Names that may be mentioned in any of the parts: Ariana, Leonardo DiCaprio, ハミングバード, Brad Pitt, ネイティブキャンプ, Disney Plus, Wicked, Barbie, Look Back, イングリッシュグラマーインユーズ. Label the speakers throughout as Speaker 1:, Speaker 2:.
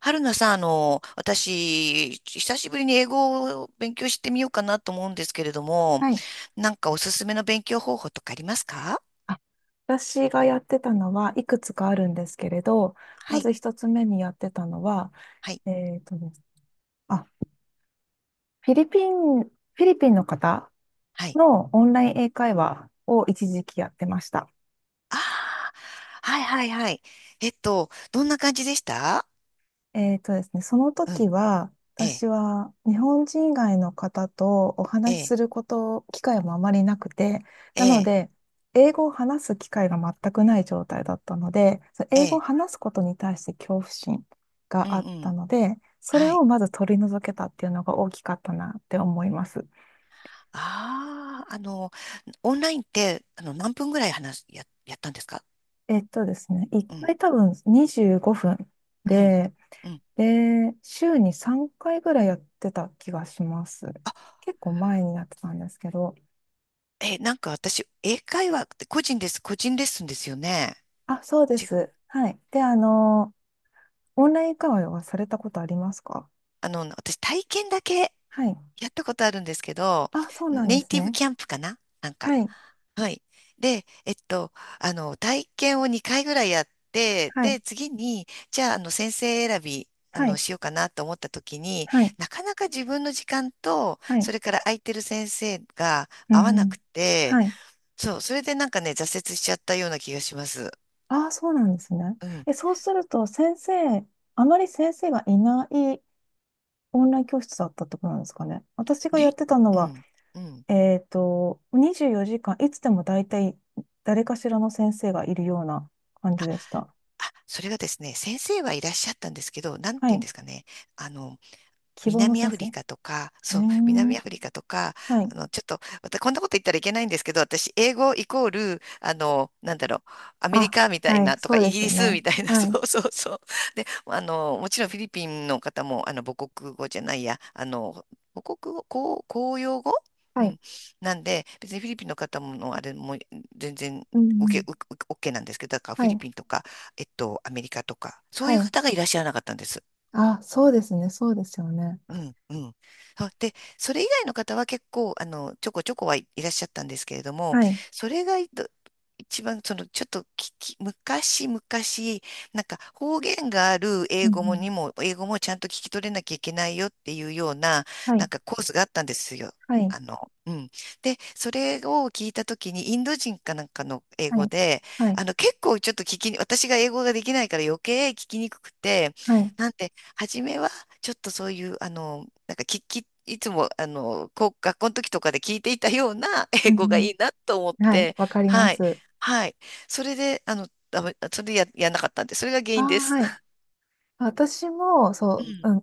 Speaker 1: 春菜さん、私、久しぶりに英語を勉強してみようかなと思うんですけれども、
Speaker 2: はい。
Speaker 1: なんかおすすめの勉強方法とかありますか？
Speaker 2: あ私がやってたのはいくつかあるんですけれど、
Speaker 1: は
Speaker 2: ま
Speaker 1: い、
Speaker 2: ず一つ目にやってたのは、
Speaker 1: はい、
Speaker 2: えっとですあ、フィリピンの方
Speaker 1: はい。
Speaker 2: のオンライン英会話を一時期やってました。
Speaker 1: ああ、はい、はい、はい。どんな感じでした？
Speaker 2: ですね、その
Speaker 1: うん、
Speaker 2: 時は、
Speaker 1: ええ、
Speaker 2: 私は日本人以外の方とお
Speaker 1: え
Speaker 2: 話し
Speaker 1: え、
Speaker 2: すること、機会もあまりなくて、
Speaker 1: え
Speaker 2: なの
Speaker 1: え、
Speaker 2: で、英語を話す機会が全くない状態だったので、その
Speaker 1: え
Speaker 2: 英語を
Speaker 1: え、
Speaker 2: 話すことに対して恐怖心
Speaker 1: うん、
Speaker 2: が
Speaker 1: う
Speaker 2: あった
Speaker 1: ん、
Speaker 2: ので、それ
Speaker 1: はい。
Speaker 2: をまず取り除けたっていうのが大きかったなって思います。
Speaker 1: ああ、オンラインって、何分ぐらい話す、やったんですか？
Speaker 2: ですね、1
Speaker 1: うん、
Speaker 2: 回多分25分
Speaker 1: うん、
Speaker 2: で、
Speaker 1: うん。
Speaker 2: 週に3回ぐらいやってた気がします。結構前にやってたんですけど。
Speaker 1: え、なんか私、英会話って個人レッスンですよね。
Speaker 2: あ、そうで
Speaker 1: 違う。
Speaker 2: す。はい。で、オンライン会話はされたことありますか？
Speaker 1: 私体験だけ
Speaker 2: はい。
Speaker 1: やったことあるんですけど、
Speaker 2: あ、そうなん
Speaker 1: ネ
Speaker 2: で
Speaker 1: イ
Speaker 2: す
Speaker 1: ティブ
Speaker 2: ね。
Speaker 1: キャンプかななんか。
Speaker 2: はい。
Speaker 1: はい。で、体験を2回ぐらいやって、
Speaker 2: はい。
Speaker 1: で、次に、じゃあ、先生選び、
Speaker 2: はい。
Speaker 1: しようかなと思った時に、
Speaker 2: はい。
Speaker 1: なかなか自分の時間と、
Speaker 2: はい。
Speaker 1: それから空いてる先生が
Speaker 2: う
Speaker 1: 合わ
Speaker 2: ん
Speaker 1: な
Speaker 2: うん。
Speaker 1: くて、
Speaker 2: はい。
Speaker 1: そう、それでなんかね、挫折しちゃったような気がします。
Speaker 2: あ、そうなんですね。
Speaker 1: うん。
Speaker 2: え、そうすると、あまり先生がいないオンライン教室だったってことなんですかね。私がや
Speaker 1: ね、
Speaker 2: ってたの
Speaker 1: う
Speaker 2: は、
Speaker 1: ん、うん。
Speaker 2: 24時間、いつでも大体誰かしらの先生がいるような感じでした。
Speaker 1: あ、それがですね、先生はいらっしゃったんですけど、なんて
Speaker 2: は
Speaker 1: 言うん
Speaker 2: い。
Speaker 1: ですかね。あの、
Speaker 2: 希望の
Speaker 1: 南ア
Speaker 2: 先
Speaker 1: フ
Speaker 2: 生。
Speaker 1: リ
Speaker 2: へ
Speaker 1: カとか、
Speaker 2: え、
Speaker 1: そう、南アフリカとか、
Speaker 2: はい。
Speaker 1: ちょっと、またこんなこと言ったらいけないんですけど、私、英語イコール、なんだろう、アメリ
Speaker 2: あ、
Speaker 1: カみたい
Speaker 2: はい、
Speaker 1: なとか、
Speaker 2: そう
Speaker 1: イ
Speaker 2: で
Speaker 1: ギ
Speaker 2: すよ
Speaker 1: リス
Speaker 2: ね。
Speaker 1: みたいな、
Speaker 2: は
Speaker 1: そ
Speaker 2: い。
Speaker 1: うそうそう。で、もちろんフィリピンの方も、母国語じゃないや、母国語、公用語。う
Speaker 2: はい。
Speaker 1: ん。なんで、別にフィリピンの方もの、あれも全然、
Speaker 2: うんう
Speaker 1: 受
Speaker 2: ん。
Speaker 1: け、受け、OK なんですけど、だから
Speaker 2: は
Speaker 1: フィリ
Speaker 2: い。
Speaker 1: ピンとか、アメリカとか、そう
Speaker 2: は
Speaker 1: いう
Speaker 2: い。
Speaker 1: 方がいらっしゃらなかったんです。
Speaker 2: あ、そうですね。そうですよね。
Speaker 1: うん、うん。あ、で、それ以外の方は結構、ちょこちょこ、はい、いらっしゃったんですけれども、
Speaker 2: はい。
Speaker 1: それが一番、その、ちょっと昔々、なんか方言がある
Speaker 2: う
Speaker 1: 英
Speaker 2: んう
Speaker 1: 語も
Speaker 2: ん。
Speaker 1: にも、英語もちゃんと聞き取れなきゃいけないよっていうような、
Speaker 2: は
Speaker 1: なん
Speaker 2: い。
Speaker 1: かコースがあったんですよ。
Speaker 2: はい。
Speaker 1: うん。で、それを聞いたときに、インド人かなんかの英
Speaker 2: は
Speaker 1: 語
Speaker 2: い。
Speaker 1: で、
Speaker 2: はい。
Speaker 1: 結構ちょっと聞きに、私が英語ができないから余計聞きにくくて、
Speaker 2: はい。
Speaker 1: なんで、初めは、ちょっとそういう、なんか聞き、いつも、こう、学校の時とかで聞いていたような
Speaker 2: う
Speaker 1: 英語が
Speaker 2: ん
Speaker 1: いいなと思っ
Speaker 2: うん。はい。
Speaker 1: て、
Speaker 2: わかりま
Speaker 1: はい、
Speaker 2: す。
Speaker 1: はい。それで、ダメそれでやんなかったんで、それが原
Speaker 2: あ
Speaker 1: 因で
Speaker 2: ー、
Speaker 1: す。
Speaker 2: はい。私も、
Speaker 1: う
Speaker 2: そ
Speaker 1: ん、
Speaker 2: う、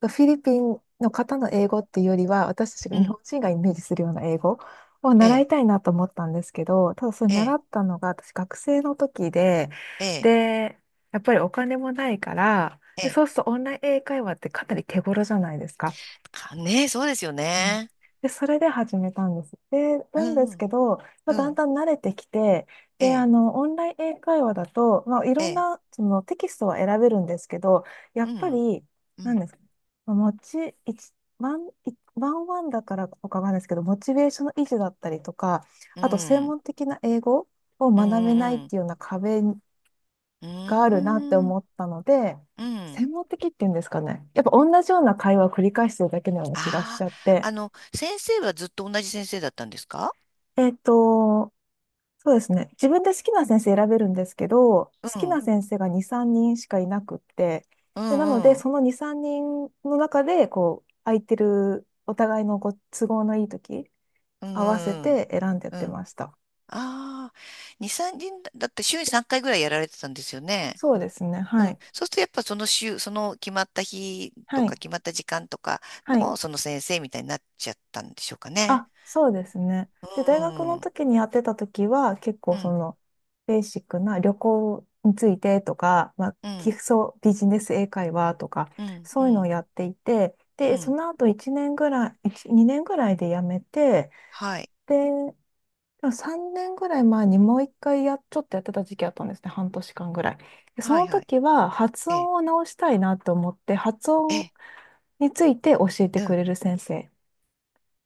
Speaker 2: フィリピンの方の英語っていうよりは、私たちが
Speaker 1: う
Speaker 2: 日
Speaker 1: ん、
Speaker 2: 本人がイメージするような英語を
Speaker 1: え
Speaker 2: 習
Speaker 1: え、
Speaker 2: いたいなと思ったんですけど、ただそれ
Speaker 1: え
Speaker 2: 習
Speaker 1: え、
Speaker 2: ったのが私学生の時で、
Speaker 1: ええ、
Speaker 2: で、やっぱりお金もないから、
Speaker 1: え
Speaker 2: で、
Speaker 1: え。
Speaker 2: そうするとオンライン英会話ってかなり手頃じゃないですか。
Speaker 1: かねえ、そうですよ
Speaker 2: うん
Speaker 1: ね。
Speaker 2: で、それで始めたんです。で、
Speaker 1: う
Speaker 2: なんです
Speaker 1: ん、
Speaker 2: けど、まあ、
Speaker 1: う
Speaker 2: だん
Speaker 1: ん、
Speaker 2: だん慣れてきて、
Speaker 1: え
Speaker 2: で、
Speaker 1: え、
Speaker 2: オンライン英会話だと、まあ、い
Speaker 1: え
Speaker 2: ろん
Speaker 1: え、
Speaker 2: な、その、テキストは選べるんですけど、や
Speaker 1: う
Speaker 2: っぱ
Speaker 1: ん、
Speaker 2: り、
Speaker 1: う
Speaker 2: なん
Speaker 1: ん、
Speaker 2: ですか、まあモチ、一ワン、いワンワンだからとかなんないですけど、モチベーションの維持だったりとか、
Speaker 1: う
Speaker 2: あと、専
Speaker 1: ん、
Speaker 2: 門的な英語を
Speaker 1: うん、
Speaker 2: 学べないっ
Speaker 1: うん、
Speaker 2: ていうような壁
Speaker 1: う
Speaker 2: があるなって
Speaker 1: ん、
Speaker 2: 思ったので、
Speaker 1: うん。
Speaker 2: 専門的っていうんですかね。やっぱ同じような会話を繰り返してるだけのような気がし
Speaker 1: あ
Speaker 2: ちゃっ
Speaker 1: あ、
Speaker 2: て、
Speaker 1: 先生はずっと同じ先生だったんですか？
Speaker 2: えっと、そうですね。自分で好きな先生選べるんですけど、好
Speaker 1: う
Speaker 2: き
Speaker 1: ん。
Speaker 2: な先生が2、3人しかいなくって、
Speaker 1: う
Speaker 2: で、なので、
Speaker 1: んうん。
Speaker 2: その2、3人の中で、こう、空いてる、お互いのご都合のいい時、
Speaker 1: うん
Speaker 2: 合わせ
Speaker 1: うん
Speaker 2: て選んでやっ
Speaker 1: う
Speaker 2: て
Speaker 1: んうん。
Speaker 2: ました。
Speaker 1: ああ、2、3人だって週に3回ぐらいやられてたんですよね。
Speaker 2: そうですね。
Speaker 1: う
Speaker 2: は
Speaker 1: ん。
Speaker 2: い。
Speaker 1: そうするとやっぱその週、その決まった日と
Speaker 2: は
Speaker 1: か
Speaker 2: い。
Speaker 1: 決まった時間とか
Speaker 2: はい。
Speaker 1: のその先生みたいになっちゃったんでしょうかね。
Speaker 2: あ、そうですね。で、大
Speaker 1: う
Speaker 2: 学
Speaker 1: ん
Speaker 2: の
Speaker 1: うん
Speaker 2: 時にやってた時は、結
Speaker 1: う
Speaker 2: 構
Speaker 1: ん。
Speaker 2: ベーシックな旅行についてとか、まあ、
Speaker 1: う
Speaker 2: 基
Speaker 1: ん
Speaker 2: 礎ビジネス英会話とか、
Speaker 1: うん
Speaker 2: そ
Speaker 1: う
Speaker 2: ういうのを
Speaker 1: ん
Speaker 2: やっていて、
Speaker 1: う
Speaker 2: で、そ
Speaker 1: ん。
Speaker 2: の後1年ぐらい、1 2年ぐらいで辞めて、
Speaker 1: はん、
Speaker 2: で、3年ぐらい前にもう一回ちょっとやってた時期あったんですね。半年間ぐらい。でそ
Speaker 1: はい、
Speaker 2: の
Speaker 1: はい。
Speaker 2: 時は発
Speaker 1: ええ。
Speaker 2: 音を直したいなと思って、発
Speaker 1: え
Speaker 2: 音
Speaker 1: え。
Speaker 2: について教えて
Speaker 1: う
Speaker 2: く
Speaker 1: ん。
Speaker 2: れる先生。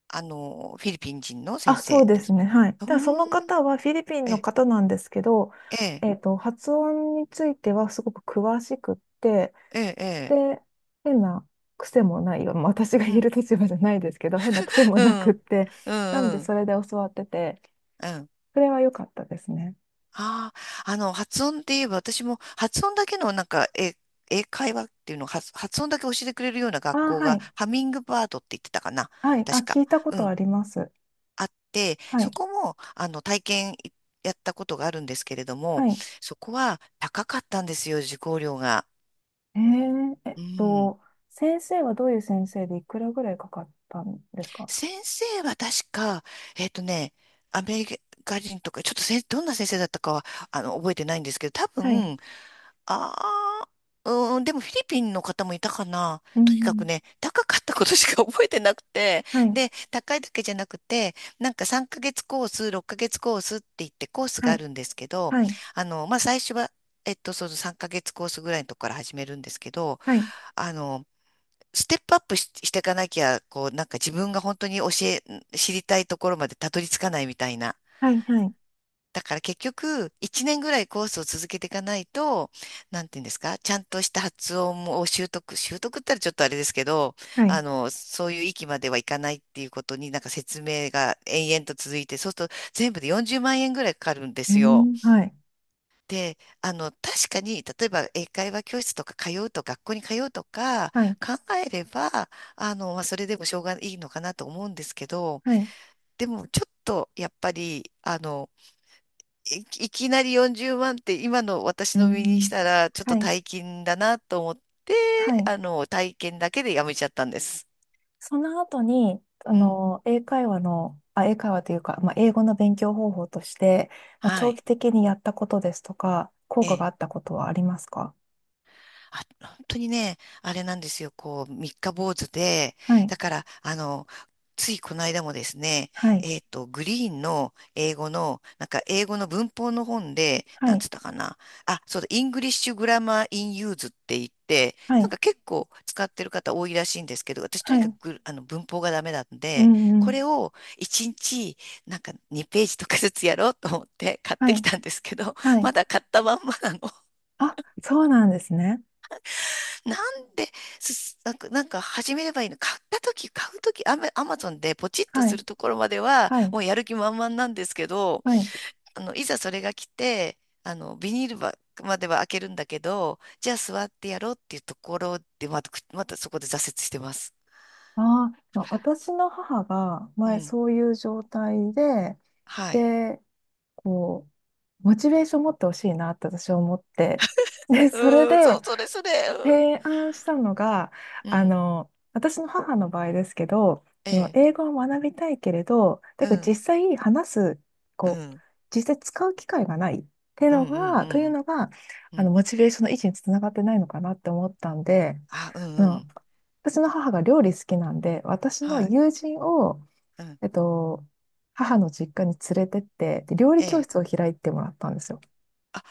Speaker 1: フィリピン人の先
Speaker 2: あ、そう
Speaker 1: 生
Speaker 2: で
Speaker 1: で
Speaker 2: す
Speaker 1: す。
Speaker 2: ね。はい。
Speaker 1: う
Speaker 2: ただその
Speaker 1: ーん。
Speaker 2: 方はフィリピン
Speaker 1: え
Speaker 2: の
Speaker 1: え。
Speaker 2: 方なんですけど、
Speaker 1: ええ。
Speaker 2: 発音についてはすごく詳しくって、
Speaker 1: ええ。ええ、
Speaker 2: で、変な癖もないよ。まあ私が
Speaker 1: う
Speaker 2: 言え
Speaker 1: ん。
Speaker 2: る立場じゃないですけど、変な癖も
Speaker 1: う
Speaker 2: なくっ
Speaker 1: ん。
Speaker 2: て、
Speaker 1: う
Speaker 2: なの
Speaker 1: ん
Speaker 2: で
Speaker 1: うん。
Speaker 2: それで教わってて、
Speaker 1: うん。
Speaker 2: それは良かったですね。
Speaker 1: ああ、発音って言えば、私も発音だけのなんか、英会話っていうのを発音だけ教えてくれるような
Speaker 2: あ、
Speaker 1: 学校
Speaker 2: は
Speaker 1: が、
Speaker 2: い。
Speaker 1: ハミングバードって言ってたかな、
Speaker 2: はい。あ、
Speaker 1: 確か。
Speaker 2: 聞いたこ
Speaker 1: う
Speaker 2: と
Speaker 1: ん、
Speaker 2: あります。
Speaker 1: あって、
Speaker 2: は
Speaker 1: そ
Speaker 2: い。
Speaker 1: こも、体験やったことがあるんですけれども、
Speaker 2: はい。
Speaker 1: そこは高かったんですよ、受講料が。
Speaker 2: えー、えっ
Speaker 1: うん。
Speaker 2: と、先生はどういう先生でいくらぐらいかかったんですか？
Speaker 1: 先生は確か、えっとね、アメリカ人とか、ちょっとどんな先生だったかは、覚えてないんですけど、多
Speaker 2: はい。
Speaker 1: 分、ああ、うーん、でもフィリピンの方もいたかな。
Speaker 2: う
Speaker 1: とにか
Speaker 2: ん。
Speaker 1: くね、高かったことしか 覚えてなくて、
Speaker 2: はい。
Speaker 1: で、高いだけじゃなくて、なんか3ヶ月コース、6ヶ月コースって言ってコース
Speaker 2: は
Speaker 1: があ
Speaker 2: い。
Speaker 1: るんですけど、
Speaker 2: はい。
Speaker 1: まあ、最初は、その3ヶ月コースぐらいのとこから始めるんですけど、
Speaker 2: はい。はい、
Speaker 1: あの、ステップアップしていかなきゃ、こう、なんか自分が本当に知りたいところまでたどり着かないみたいな。
Speaker 2: はい、はい、
Speaker 1: だから結局、1年ぐらいコースを続けていかないと、なんていうんですか、ちゃんとした発音を習得、習得ったらちょっとあれですけど、
Speaker 2: はい。
Speaker 1: そういう域まではいかないっていうことになんか説明が延々と続いて、そうすると全部で40万円ぐらいかかるんで
Speaker 2: え
Speaker 1: すよ。
Speaker 2: ー、はい、
Speaker 1: で、確かに、例えば英会話教室とか通うと、学校に通うとか
Speaker 2: はい、
Speaker 1: 考えれば、まあ、それでもしょうがいいのかなと思うんですけど、
Speaker 2: はい。
Speaker 1: でもちょっとやっぱり、い、いきなり40万って今の私
Speaker 2: う
Speaker 1: の身にし
Speaker 2: ん、
Speaker 1: たらちょっと
Speaker 2: はい、
Speaker 1: 大金だなと思って、
Speaker 2: はい。
Speaker 1: 体験だけでやめちゃったんです。
Speaker 2: その後に、
Speaker 1: うん。
Speaker 2: 英会話というか、まあ、英語の勉強方法として、まあ、
Speaker 1: は
Speaker 2: 長
Speaker 1: い。
Speaker 2: 期的にやったことですとか、効
Speaker 1: え
Speaker 2: 果が
Speaker 1: え、
Speaker 2: あったことはありますか？
Speaker 1: あ、本当にね、あれなんですよ、こう、三日坊主で、
Speaker 2: はい、
Speaker 1: だから、ついこの間もですね、
Speaker 2: はい、
Speaker 1: グリーンの英語の、なんか英語の文法の本で、
Speaker 2: は
Speaker 1: なんつ
Speaker 2: い、
Speaker 1: ったかな、あ、そうだ、イングリッシュグラマーインユーズって言って、
Speaker 2: は
Speaker 1: なん
Speaker 2: い、
Speaker 1: か結構使ってる方多いらしいんですけど、私と
Speaker 2: は
Speaker 1: にか
Speaker 2: い。
Speaker 1: くグあの文法がダメなん
Speaker 2: う
Speaker 1: で、
Speaker 2: ん、う
Speaker 1: これ
Speaker 2: ん。
Speaker 1: を1日、なんか2ページとかずつやろうと思って買っ
Speaker 2: は
Speaker 1: てき
Speaker 2: い、
Speaker 1: たんですけど、
Speaker 2: は
Speaker 1: ま
Speaker 2: い。
Speaker 1: だ買ったまんまなの。
Speaker 2: あ、そうなんですね。
Speaker 1: なんで、すなんか、なんか始めればいいの買う時、アマゾンでポチッと
Speaker 2: は
Speaker 1: す
Speaker 2: い、
Speaker 1: るところまでは、
Speaker 2: はい、
Speaker 1: もうやる気満々なんですけど、
Speaker 2: はい。
Speaker 1: いざそれが来て、ビニールまでは開けるんだけど、じゃあ座ってやろうっていうところで、また、くまたそこで挫折してます。
Speaker 2: ああ、私の母が
Speaker 1: う
Speaker 2: 前
Speaker 1: ん。
Speaker 2: そういう状態で、
Speaker 1: はい。
Speaker 2: で、こう、モチベーション持ってほしいなって私は思って。で、それ
Speaker 1: うん、そ
Speaker 2: で
Speaker 1: う、それそれ。
Speaker 2: 提案したのが、
Speaker 1: うん。うん、
Speaker 2: 私の母の場合ですけど、
Speaker 1: え
Speaker 2: その英
Speaker 1: え。
Speaker 2: 語を学びたいけれど、だ
Speaker 1: う
Speaker 2: けど実
Speaker 1: ん。
Speaker 2: 際話す、
Speaker 1: う
Speaker 2: こう、
Speaker 1: ん。
Speaker 2: 実際使う機会がないっていう
Speaker 1: うん。う
Speaker 2: の
Speaker 1: ん。う
Speaker 2: が、
Speaker 1: ん。うん。
Speaker 2: モチベーションの維持につながってないのかなって思ったんで、
Speaker 1: あ、う
Speaker 2: あ
Speaker 1: ん。う
Speaker 2: の
Speaker 1: ん。
Speaker 2: 私の母が料理好きなんで、私の
Speaker 1: はい。
Speaker 2: 友人を
Speaker 1: うん。
Speaker 2: えっと、母の実家に連れてって、で料理
Speaker 1: え
Speaker 2: 教
Speaker 1: え。
Speaker 2: 室を開いてもらったんですよ。
Speaker 1: あ、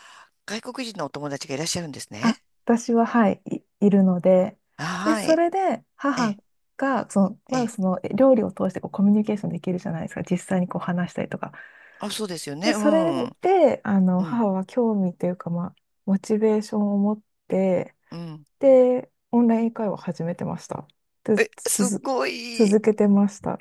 Speaker 1: 外国人のお友達がいらっしゃるんです
Speaker 2: あ、
Speaker 1: ね。
Speaker 2: 私は、はい、いるので、で、
Speaker 1: は
Speaker 2: そ
Speaker 1: い。
Speaker 2: れで
Speaker 1: え
Speaker 2: 母
Speaker 1: え、
Speaker 2: が、
Speaker 1: え
Speaker 2: まあ、
Speaker 1: え。
Speaker 2: そのえ料理を通してこうコミュニケーションできるじゃないですか、実際にこう話したりとか。
Speaker 1: あ、そうですよ
Speaker 2: で、
Speaker 1: ね。う
Speaker 2: それ
Speaker 1: ん。
Speaker 2: で、
Speaker 1: うん。
Speaker 2: 母は興味というか、まあ、モチベーションを持って、
Speaker 1: うん。
Speaker 2: で、オンライン英会話を始めてました。で、
Speaker 1: え、すごい。
Speaker 2: 続けてました。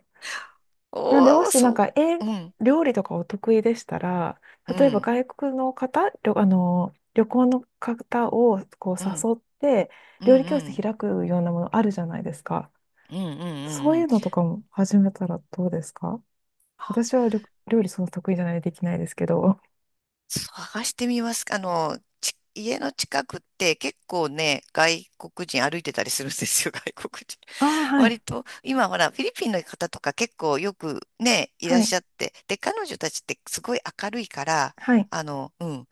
Speaker 2: なんで、
Speaker 1: お
Speaker 2: も
Speaker 1: お、
Speaker 2: しなん
Speaker 1: そ
Speaker 2: か、
Speaker 1: う。うん。
Speaker 2: 料理とかお得意でしたら、
Speaker 1: う
Speaker 2: 例えば
Speaker 1: ん。
Speaker 2: 外国の方、旅行の方をこう
Speaker 1: うん。
Speaker 2: 誘って、
Speaker 1: う
Speaker 2: 料理教室
Speaker 1: ん。
Speaker 2: 開くようなものあるじゃないですか。
Speaker 1: うん。うん。うん。う
Speaker 2: そう
Speaker 1: んう
Speaker 2: いう
Speaker 1: ん。
Speaker 2: のとかも始めたらどうですか？私は料理そんな得意じゃないでできないですけど。
Speaker 1: 探してみます。家の近くって結構ね、外国人歩いてたりするんですよ、外国人。
Speaker 2: ああ、はい、
Speaker 1: 割と、今ほら、フィリピンの方とか結構よくね、い
Speaker 2: は
Speaker 1: らっ
Speaker 2: い、
Speaker 1: しゃって。で、彼女たちってすごい明るいから、
Speaker 2: はい、
Speaker 1: うん。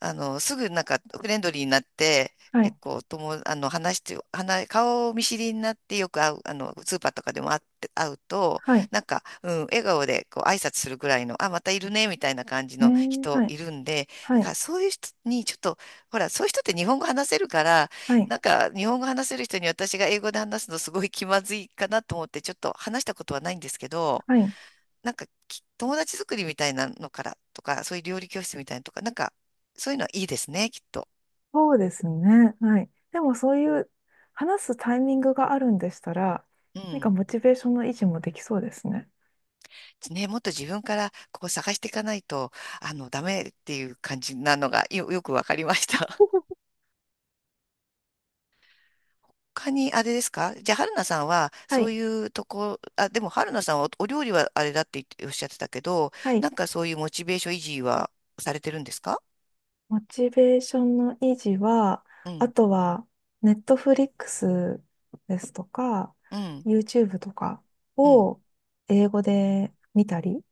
Speaker 1: すぐなんかフレンドリーになって、
Speaker 2: はい、
Speaker 1: 結構とも、話して、顔見知りになってよく会う、スーパーとかでも会って、会うと、
Speaker 2: はい、
Speaker 1: なんか、うん、笑顔でこう挨拶するぐらいの、あ、またいるね、みたいな感じ
Speaker 2: え
Speaker 1: の
Speaker 2: ー、は
Speaker 1: 人
Speaker 2: い、
Speaker 1: いるんで、
Speaker 2: は
Speaker 1: だか
Speaker 2: い、
Speaker 1: らそういう人にちょっと、ほら、そういう人って日本語話せるから、
Speaker 2: はい、
Speaker 1: なんか、日本語話せる人に私が英語で話すのすごい気まずいかなと思って、ちょっと話したことはないんですけど、
Speaker 2: はい。
Speaker 1: なんか友達作りみたいなのからとか、そういう料理教室みたいなのとか、なんかそういうのはいいですね、きっと。
Speaker 2: そうですね。はい。でもそういう話すタイミングがあるんでしたら、
Speaker 1: う
Speaker 2: 何か
Speaker 1: ん。
Speaker 2: モチベーションの維持もできそうですね。
Speaker 1: ね、もっと自分からこう探していかないと、ダメっていう感じなのがよくわかりました。他にあれですか、じゃあ、春菜さんは、
Speaker 2: は
Speaker 1: そう
Speaker 2: い。
Speaker 1: いうとこ、あ、でも春菜さんはお料理はあれだって言っておっしゃってたけど、
Speaker 2: はい。
Speaker 1: なんかそういうモチベーション維持はされてるんですか？
Speaker 2: モチベーションの維持は、
Speaker 1: う
Speaker 2: あ
Speaker 1: ん、
Speaker 2: とは、ネットフリックスですとか、
Speaker 1: うん、
Speaker 2: YouTube とか
Speaker 1: うん、
Speaker 2: を英語で見たり、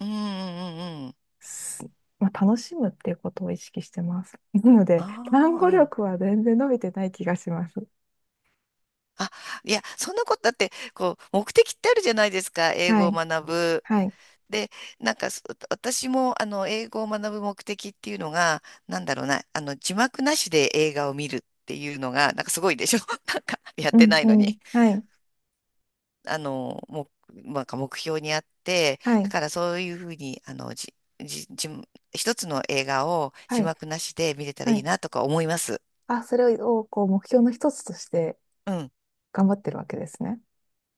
Speaker 1: うん、うん、うん。うん、
Speaker 2: すまあ、楽しむっていうことを意識してます。なの
Speaker 1: あ
Speaker 2: で、単
Speaker 1: あー、
Speaker 2: 語
Speaker 1: うん。
Speaker 2: 力は全然伸びてない気がします。
Speaker 1: あ、いや、そんなことだって、こう、目的ってあるじゃないですか、英
Speaker 2: は
Speaker 1: 語を
Speaker 2: い。
Speaker 1: 学ぶ。
Speaker 2: はい。
Speaker 1: で、なんか、私も、英語を学ぶ目的っていうのが、なんだろうな、字幕なしで映画を見るっていうのが、なんかすごいでしょ なんか、やっ
Speaker 2: う
Speaker 1: て
Speaker 2: ん
Speaker 1: ない
Speaker 2: う
Speaker 1: の
Speaker 2: ん。
Speaker 1: に。
Speaker 2: はい。
Speaker 1: もう、なんか目標にあって、
Speaker 2: は
Speaker 1: だ
Speaker 2: い。
Speaker 1: からそういうふうに、じ、じ、じ、一つの映画を
Speaker 2: は
Speaker 1: 字
Speaker 2: い。
Speaker 1: 幕なしで見れたら
Speaker 2: は
Speaker 1: いい
Speaker 2: い。
Speaker 1: なとか思います。
Speaker 2: あ、それを、こう、目標の一つとして
Speaker 1: うん。
Speaker 2: 頑張ってるわけですね。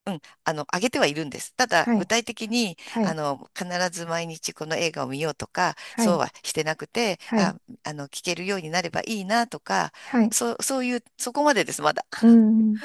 Speaker 1: うん、上げてはいるんです。ただ、
Speaker 2: は
Speaker 1: 具
Speaker 2: い。
Speaker 1: 体的に、
Speaker 2: はい。
Speaker 1: 必ず毎日この映画を見ようとか、
Speaker 2: は
Speaker 1: そう
Speaker 2: い。
Speaker 1: はしてなくて、
Speaker 2: はい。
Speaker 1: あ、聞けるようになればいいなとか、
Speaker 2: はい。はい、
Speaker 1: そう、そういう、そこまでです、まだ。
Speaker 2: うん。